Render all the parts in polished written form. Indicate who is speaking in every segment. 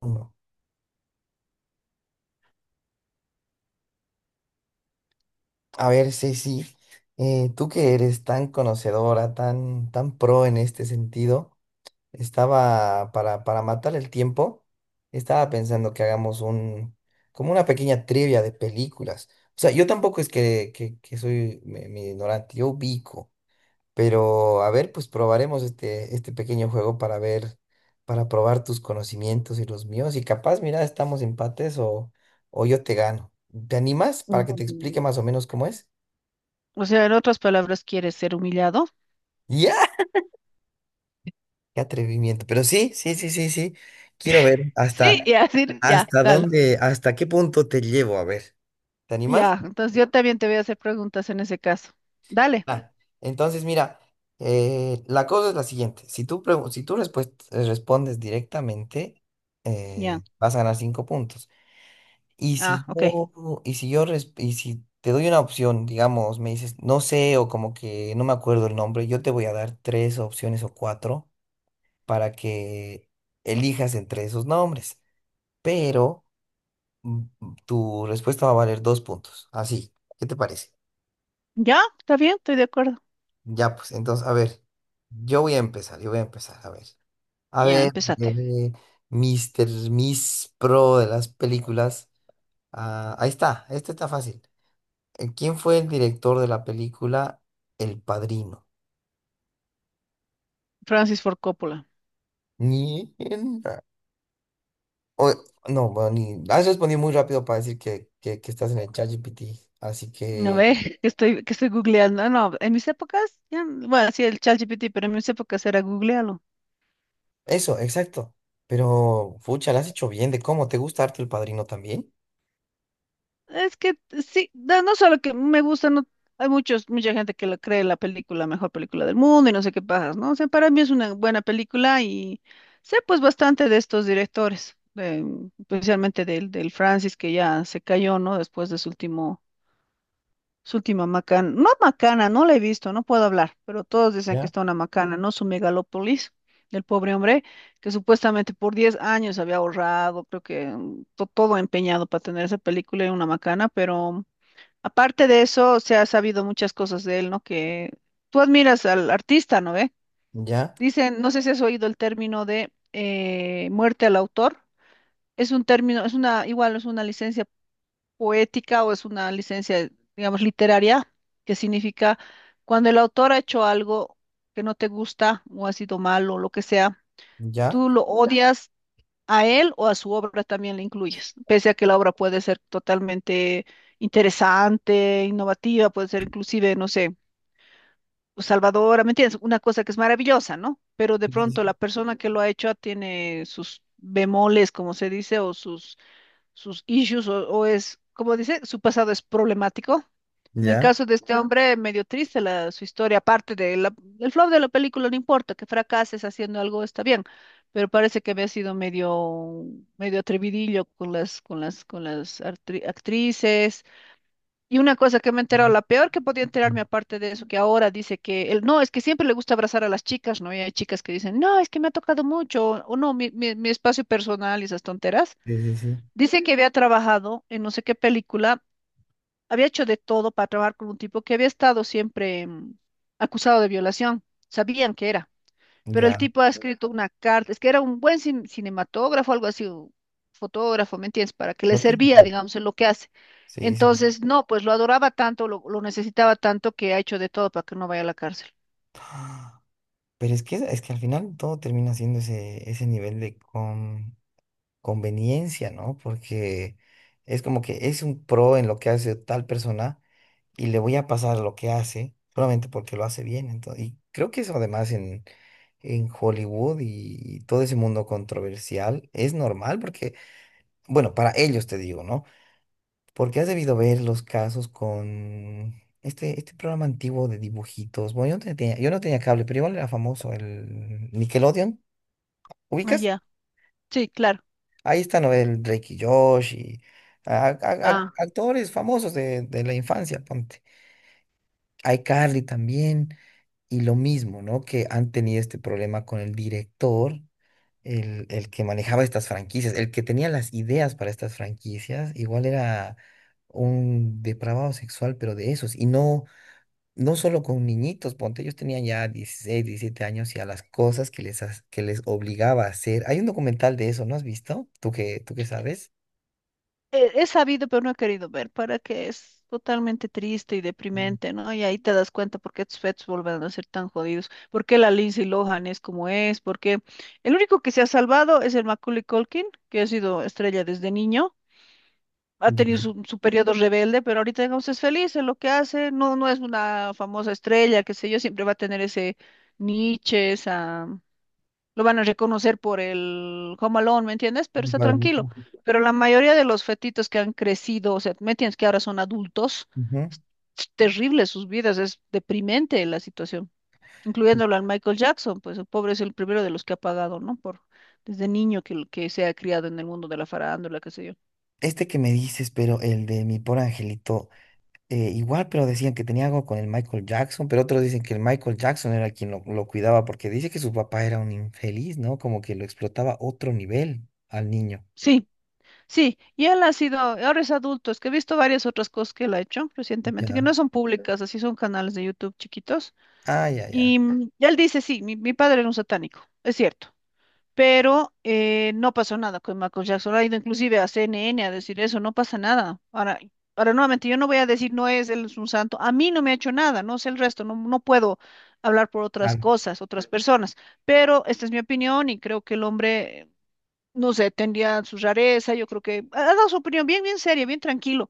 Speaker 1: Uno. A ver, Ceci, tú que eres tan conocedora, tan pro en este sentido, estaba para matar el tiempo, estaba pensando que hagamos como una pequeña trivia de películas. O sea, yo tampoco es que soy mi, mi ignorante, yo ubico. Pero a ver, pues probaremos este pequeño juego para ver, para probar tus conocimientos y los míos. Y capaz, mira, estamos empates o yo te gano. ¿Te animas para que te
Speaker 2: Mm,
Speaker 1: explique más o menos cómo es?
Speaker 2: O sea, en otras palabras, ¿quieres ser humillado?
Speaker 1: ¡Ya! ¡Qué atrevimiento! Pero sí, sí, sí, sí, sí. Quiero ver
Speaker 2: Sí,
Speaker 1: hasta,
Speaker 2: y así, ya,
Speaker 1: hasta
Speaker 2: dale.
Speaker 1: dónde, hasta qué punto te llevo. A ver, ¿te animas?
Speaker 2: Ya, entonces yo también te voy a hacer preguntas en ese caso. Dale,
Speaker 1: Ah, entonces, mira, la cosa es la siguiente. Si tú, si tú respondes directamente,
Speaker 2: ya.
Speaker 1: vas a ganar 5 puntos. Y
Speaker 2: Ah,
Speaker 1: si
Speaker 2: ok.
Speaker 1: yo, y si yo, y si te doy una opción, digamos, me dices, no sé, o como que no me acuerdo el nombre, yo te voy a dar 3 opciones o 4 para que elijas entre esos nombres. Pero mm, tu respuesta va a valer 2 puntos. Así, ¿qué te parece?
Speaker 2: Ya, está bien, estoy de acuerdo.
Speaker 1: Ya, pues, entonces, a ver, yo voy a empezar, a ver. A
Speaker 2: Ya,
Speaker 1: ver,
Speaker 2: empezate.
Speaker 1: eh, Mr. Miss Pro de las películas. Ah, ahí está, este está fácil. ¿Quién fue el director de la película El Padrino?
Speaker 2: Francis Ford Coppola.
Speaker 1: Ni en- o- No, bueno, ni, has respondido muy rápido para decir que estás en el ChatGPT. Así
Speaker 2: A
Speaker 1: que
Speaker 2: ver, que estoy googleando. Ah, no, en mis épocas, ya, bueno, sí, el ChatGPT, pero en mis épocas era googlealo.
Speaker 1: eso, exacto. Pero, fucha, lo has hecho bien de cómo. ¿Te gusta harto El Padrino también?
Speaker 2: Es que sí, no solo que me gusta, no, hay muchos, mucha gente que la cree la película mejor película del mundo y no sé qué pajas, ¿no? O sea, para mí es una buena película y sé pues bastante de estos directores, especialmente del Francis que ya se cayó, ¿no? Después de su último, su última macana, no la he visto, no puedo hablar, pero todos dicen que
Speaker 1: ¿Ya?
Speaker 2: está una macana, ¿no? Su megalópolis. Del pobre hombre, que supuestamente por 10 años había ahorrado, creo que todo empeñado para tener esa película y una macana, pero aparte de eso, se ha sabido muchas cosas de él, ¿no? Que tú admiras al artista, ¿no ve?
Speaker 1: Ya,
Speaker 2: Dicen, no sé si has oído el término de muerte al autor. Es un término, es una, igual es una licencia poética o es una licencia, digamos, literaria, que significa cuando el autor ha hecho algo que no te gusta o ha sido malo o lo que sea,
Speaker 1: ya,
Speaker 2: tú lo odias, a él o a su obra también le incluyes, pese a que la obra puede ser totalmente interesante, innovativa, puede ser inclusive, no sé, salvadora, ¿me entiendes? Una cosa que es maravillosa, ¿no? Pero de
Speaker 1: sí,
Speaker 2: pronto la persona que lo ha hecho tiene sus bemoles, como se dice, o sus issues o es, como dice, su pasado es problemático. En el
Speaker 1: ya.
Speaker 2: caso de este Ujú. Hombre, medio triste la, su historia, aparte del flop de la película, no importa, que fracases haciendo algo está bien, pero parece que había sido medio, medio atrevidillo con las, actrices. Y una cosa que me he enterado,
Speaker 1: Sí,
Speaker 2: la peor que podía enterarme aparte de eso, que ahora dice que él, no, es que siempre le gusta abrazar a las chicas, ¿no? Y hay chicas que dicen, no, es que me ha tocado mucho, o no, mi espacio personal y esas tonteras.
Speaker 1: sí, sí, sí.
Speaker 2: Dice que había trabajado en no sé qué película, había hecho de todo para trabajar con un tipo que había estado siempre acusado de violación. Sabían que era, pero el
Speaker 1: Ya.
Speaker 2: tipo ha escrito una carta, es que era un buen cinematógrafo, algo así, o fotógrafo, ¿me entiendes? Para que le
Speaker 1: No tiene.
Speaker 2: servía, digamos, en lo que hace.
Speaker 1: Sí, sí, sí.
Speaker 2: Entonces, no, pues lo adoraba tanto, lo necesitaba tanto que ha hecho de todo para que no vaya a la cárcel.
Speaker 1: Pero es que al final todo termina siendo ese nivel de con... conveniencia, ¿no? Porque es como que es un pro en lo que hace tal persona y le voy a pasar lo que hace solamente porque lo hace bien. Entonces, y creo que eso además en Hollywood y todo ese mundo controversial es normal porque, bueno, para ellos te digo, ¿no? Porque has debido ver los casos con este programa antiguo de dibujitos. Bueno, yo no tenía cable, pero igual era famoso, el Nickelodeon.
Speaker 2: Ah,
Speaker 1: ¿Ubicas?
Speaker 2: ya. Sí, claro.
Speaker 1: Ahí están, ¿no?, el Drake y Josh y
Speaker 2: Ah.
Speaker 1: actores famosos de la infancia, ponte. iCarly también, y lo mismo, ¿no?, que han tenido este problema con el director, el que manejaba estas franquicias, el que tenía las ideas para estas franquicias, igual era un depravado sexual, pero de esos, y no, no solo con niñitos, ponte, ellos tenían ya 16, 17 años y a las cosas que que les obligaba a hacer. Hay un documental de eso, ¿no has visto? Tú qué sabes?
Speaker 2: He sabido, pero no he querido ver, para que es totalmente triste y deprimente, ¿no? Y ahí te das cuenta por qué tus fetos vuelven a ser tan jodidos, por qué la Lindsay Lohan es como es, porque el único que se ha salvado es el Macaulay Culkin, que ha sido estrella desde niño, ha tenido
Speaker 1: Ya,
Speaker 2: su periodo rebelde, pero ahorita, digamos, es feliz en lo que hace, no, no es una famosa estrella, qué sé yo, siempre va a tener ese niche, esa lo van a reconocer por el Home Alone, ¿me entiendes? Pero está
Speaker 1: para mí,
Speaker 2: tranquilo.
Speaker 1: ¿no?
Speaker 2: Pero la mayoría de los fetitos que han crecido, o sea, ¿me entiendes? Que ahora son adultos,
Speaker 1: Ujú.
Speaker 2: es terrible sus vidas, es deprimente la situación, incluyéndolo al Michael Jackson, pues el pobre es el primero de los que ha pagado, ¿no? Por, desde niño que se ha criado en el mundo de la farándula, qué sé yo.
Speaker 1: Este que me dices, pero el de mi por angelito, igual, pero decían que tenía algo con el Michael Jackson, pero otros dicen que el Michael Jackson era quien lo cuidaba, porque dice que su papá era un infeliz, ¿no? Como que lo explotaba a otro nivel al niño.
Speaker 2: Sí, sí, y él ha sido, ahora es adulto, es que he visto varias otras cosas que él ha hecho recientemente, que
Speaker 1: Ya.
Speaker 2: no son públicas, así son canales de YouTube chiquitos.
Speaker 1: Ah, ya, ya.
Speaker 2: Y él dice, sí, mi padre era un satánico, es cierto, pero no pasó nada con Michael Jackson. Ha ido inclusive a CNN a decir eso, no pasa nada. Ahora, ahora nuevamente, yo no voy a decir, no es, él es un santo. A mí no me ha hecho nada, no sé el resto, no, no puedo hablar por otras
Speaker 1: Claro.
Speaker 2: cosas, otras personas, pero esta es mi opinión y creo que el hombre no sé, tendría su rareza, yo creo que ha dado su opinión bien, bien seria, bien tranquilo.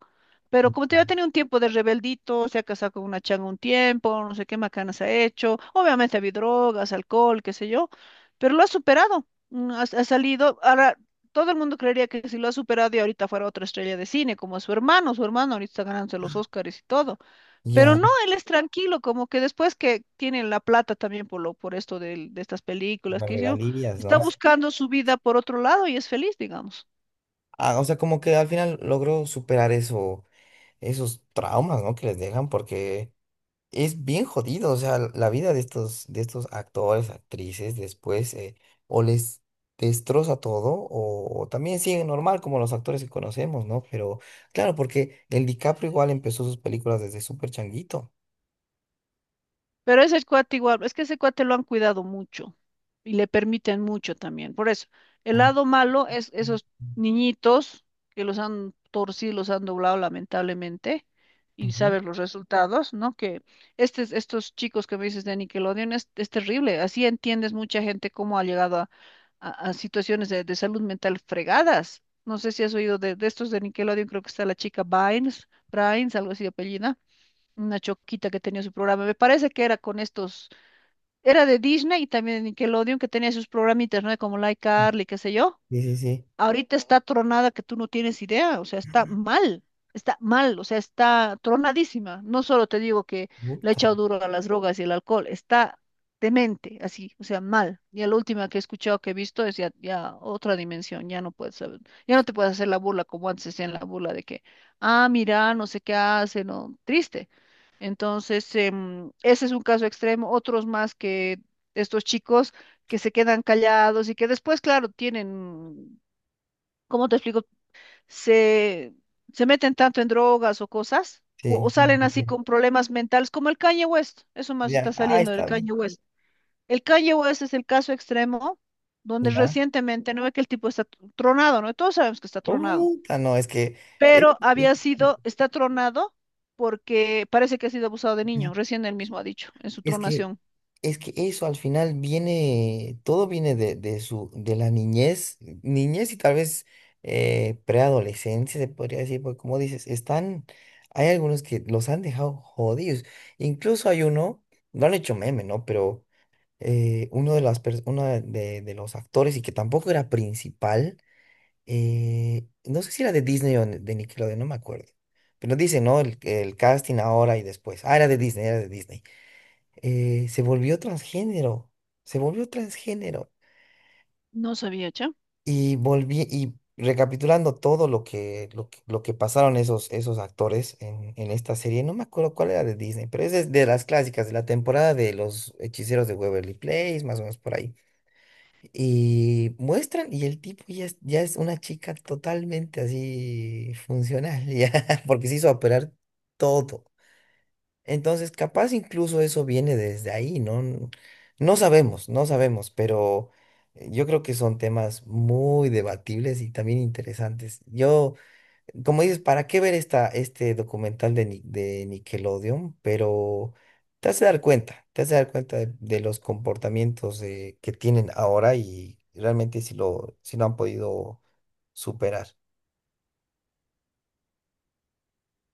Speaker 2: Pero
Speaker 1: Ya,
Speaker 2: como te digo, ha tenido un tiempo de rebeldito, se ha casado con una changa un tiempo, no sé qué macanas ha hecho. Obviamente ha habido drogas, alcohol, qué sé yo, pero lo ha superado, ha salido. Ahora, todo el mundo creería que si lo ha superado y ahorita fuera otra estrella de cine, como su hermano ahorita está ganándose los Oscars y todo. Pero
Speaker 1: ya,
Speaker 2: no, él es tranquilo, como que después que tienen la plata también por lo, por esto estas películas
Speaker 1: las
Speaker 2: que hizo,
Speaker 1: regalías,
Speaker 2: está
Speaker 1: ¿no? Sí.
Speaker 2: buscando su vida por otro lado y es feliz, digamos.
Speaker 1: Ah, o sea, como que al final logró superar eso, esos traumas, ¿no? Que les dejan, porque es bien jodido, o sea, la vida de estos actores, actrices, después o les destroza todo o también siguen normal como los actores que conocemos, ¿no? Pero claro, porque el DiCaprio igual empezó sus películas desde súper changuito.
Speaker 2: Pero ese cuate igual, es que ese cuate lo han cuidado mucho y le permiten mucho también. Por eso, el
Speaker 1: Ah,
Speaker 2: lado malo es esos niñitos que los han torcido, los han doblado lamentablemente y
Speaker 1: ujú.
Speaker 2: sabes los resultados, ¿no? Que estos chicos que me dices de Nickelodeon es, terrible. Así entiendes mucha gente cómo ha llegado a, situaciones de salud mental fregadas. No sé si has oído de estos de Nickelodeon, creo que está la chica Bynes, Bynes, algo así de apellido una choquita que tenía su programa. Me parece que era con estos, era de Disney y también de Nickelodeon que tenía sus programitas, ¿no? Como Like Carly, qué sé yo.
Speaker 1: Sí, sí, sí.
Speaker 2: Ahorita está tronada que tú no tienes idea, o sea, está mal, o sea, está tronadísima. No solo te digo que le he
Speaker 1: Puta.
Speaker 2: echado duro a las drogas y el alcohol, está demente, así, o sea, mal. Y la última que he escuchado, que he visto, es ya, ya otra dimensión, ya no puedes saber, ya no te puedes hacer la burla como antes hacían la burla de que, ah, mira, no sé qué hace, no, triste. Entonces, ese es un caso extremo, otros más que estos chicos que se quedan callados y que después, claro, tienen ¿cómo te explico? Se, se meten tanto en drogas o cosas, o,
Speaker 1: Sí.
Speaker 2: o
Speaker 1: Sí,
Speaker 2: salen
Speaker 1: sí,
Speaker 2: así
Speaker 1: sí.
Speaker 2: con problemas mentales, como el Kanye West, eso más está
Speaker 1: Ya, ah,
Speaker 2: saliendo del
Speaker 1: está
Speaker 2: Kanye
Speaker 1: bien.
Speaker 2: West. El Kanye West es el caso extremo donde
Speaker 1: Ya.
Speaker 2: recientemente, no ve que el tipo está tronado, ¿no? Todos sabemos que está tronado,
Speaker 1: Puta, no, es que... eh,
Speaker 2: pero había sido, está tronado porque parece que ha sido abusado de niño, recién él mismo ha dicho en su
Speaker 1: es
Speaker 2: tronación.
Speaker 1: es que eso al final viene, todo viene de su, de la niñez, niñez y tal vez preadolescencia, se podría decir, porque como dices, están, hay algunos que los han dejado jodidos. Incluso hay uno, lo han hecho meme, ¿no? Pero uno de las uno de, de los actores y que tampoco era principal, no sé si era de Disney o de Nickelodeon, no me acuerdo. Pero dice, ¿no?, el casting ahora y después. Ah, era de Disney, era de Disney, se volvió transgénero, se volvió transgénero.
Speaker 2: No sabía, ¿che?
Speaker 1: Y volví, y recapitulando todo lo que pasaron esos, esos actores en esta serie, no me acuerdo cuál era de Disney, pero es de las clásicas, de la temporada de los hechiceros de Waverly Place, más o menos por ahí. Y muestran, y el tipo ya es una chica totalmente así funcional, ya, porque se hizo operar todo. Entonces, capaz incluso eso viene desde ahí, ¿no? N- No sabemos, no sabemos, pero yo creo que son temas muy debatibles y también interesantes. Yo, como dices, ¿para qué ver este documental de, de Nickelodeon? Pero te hace dar cuenta de los comportamientos que tienen ahora y realmente si lo, si lo han podido superar.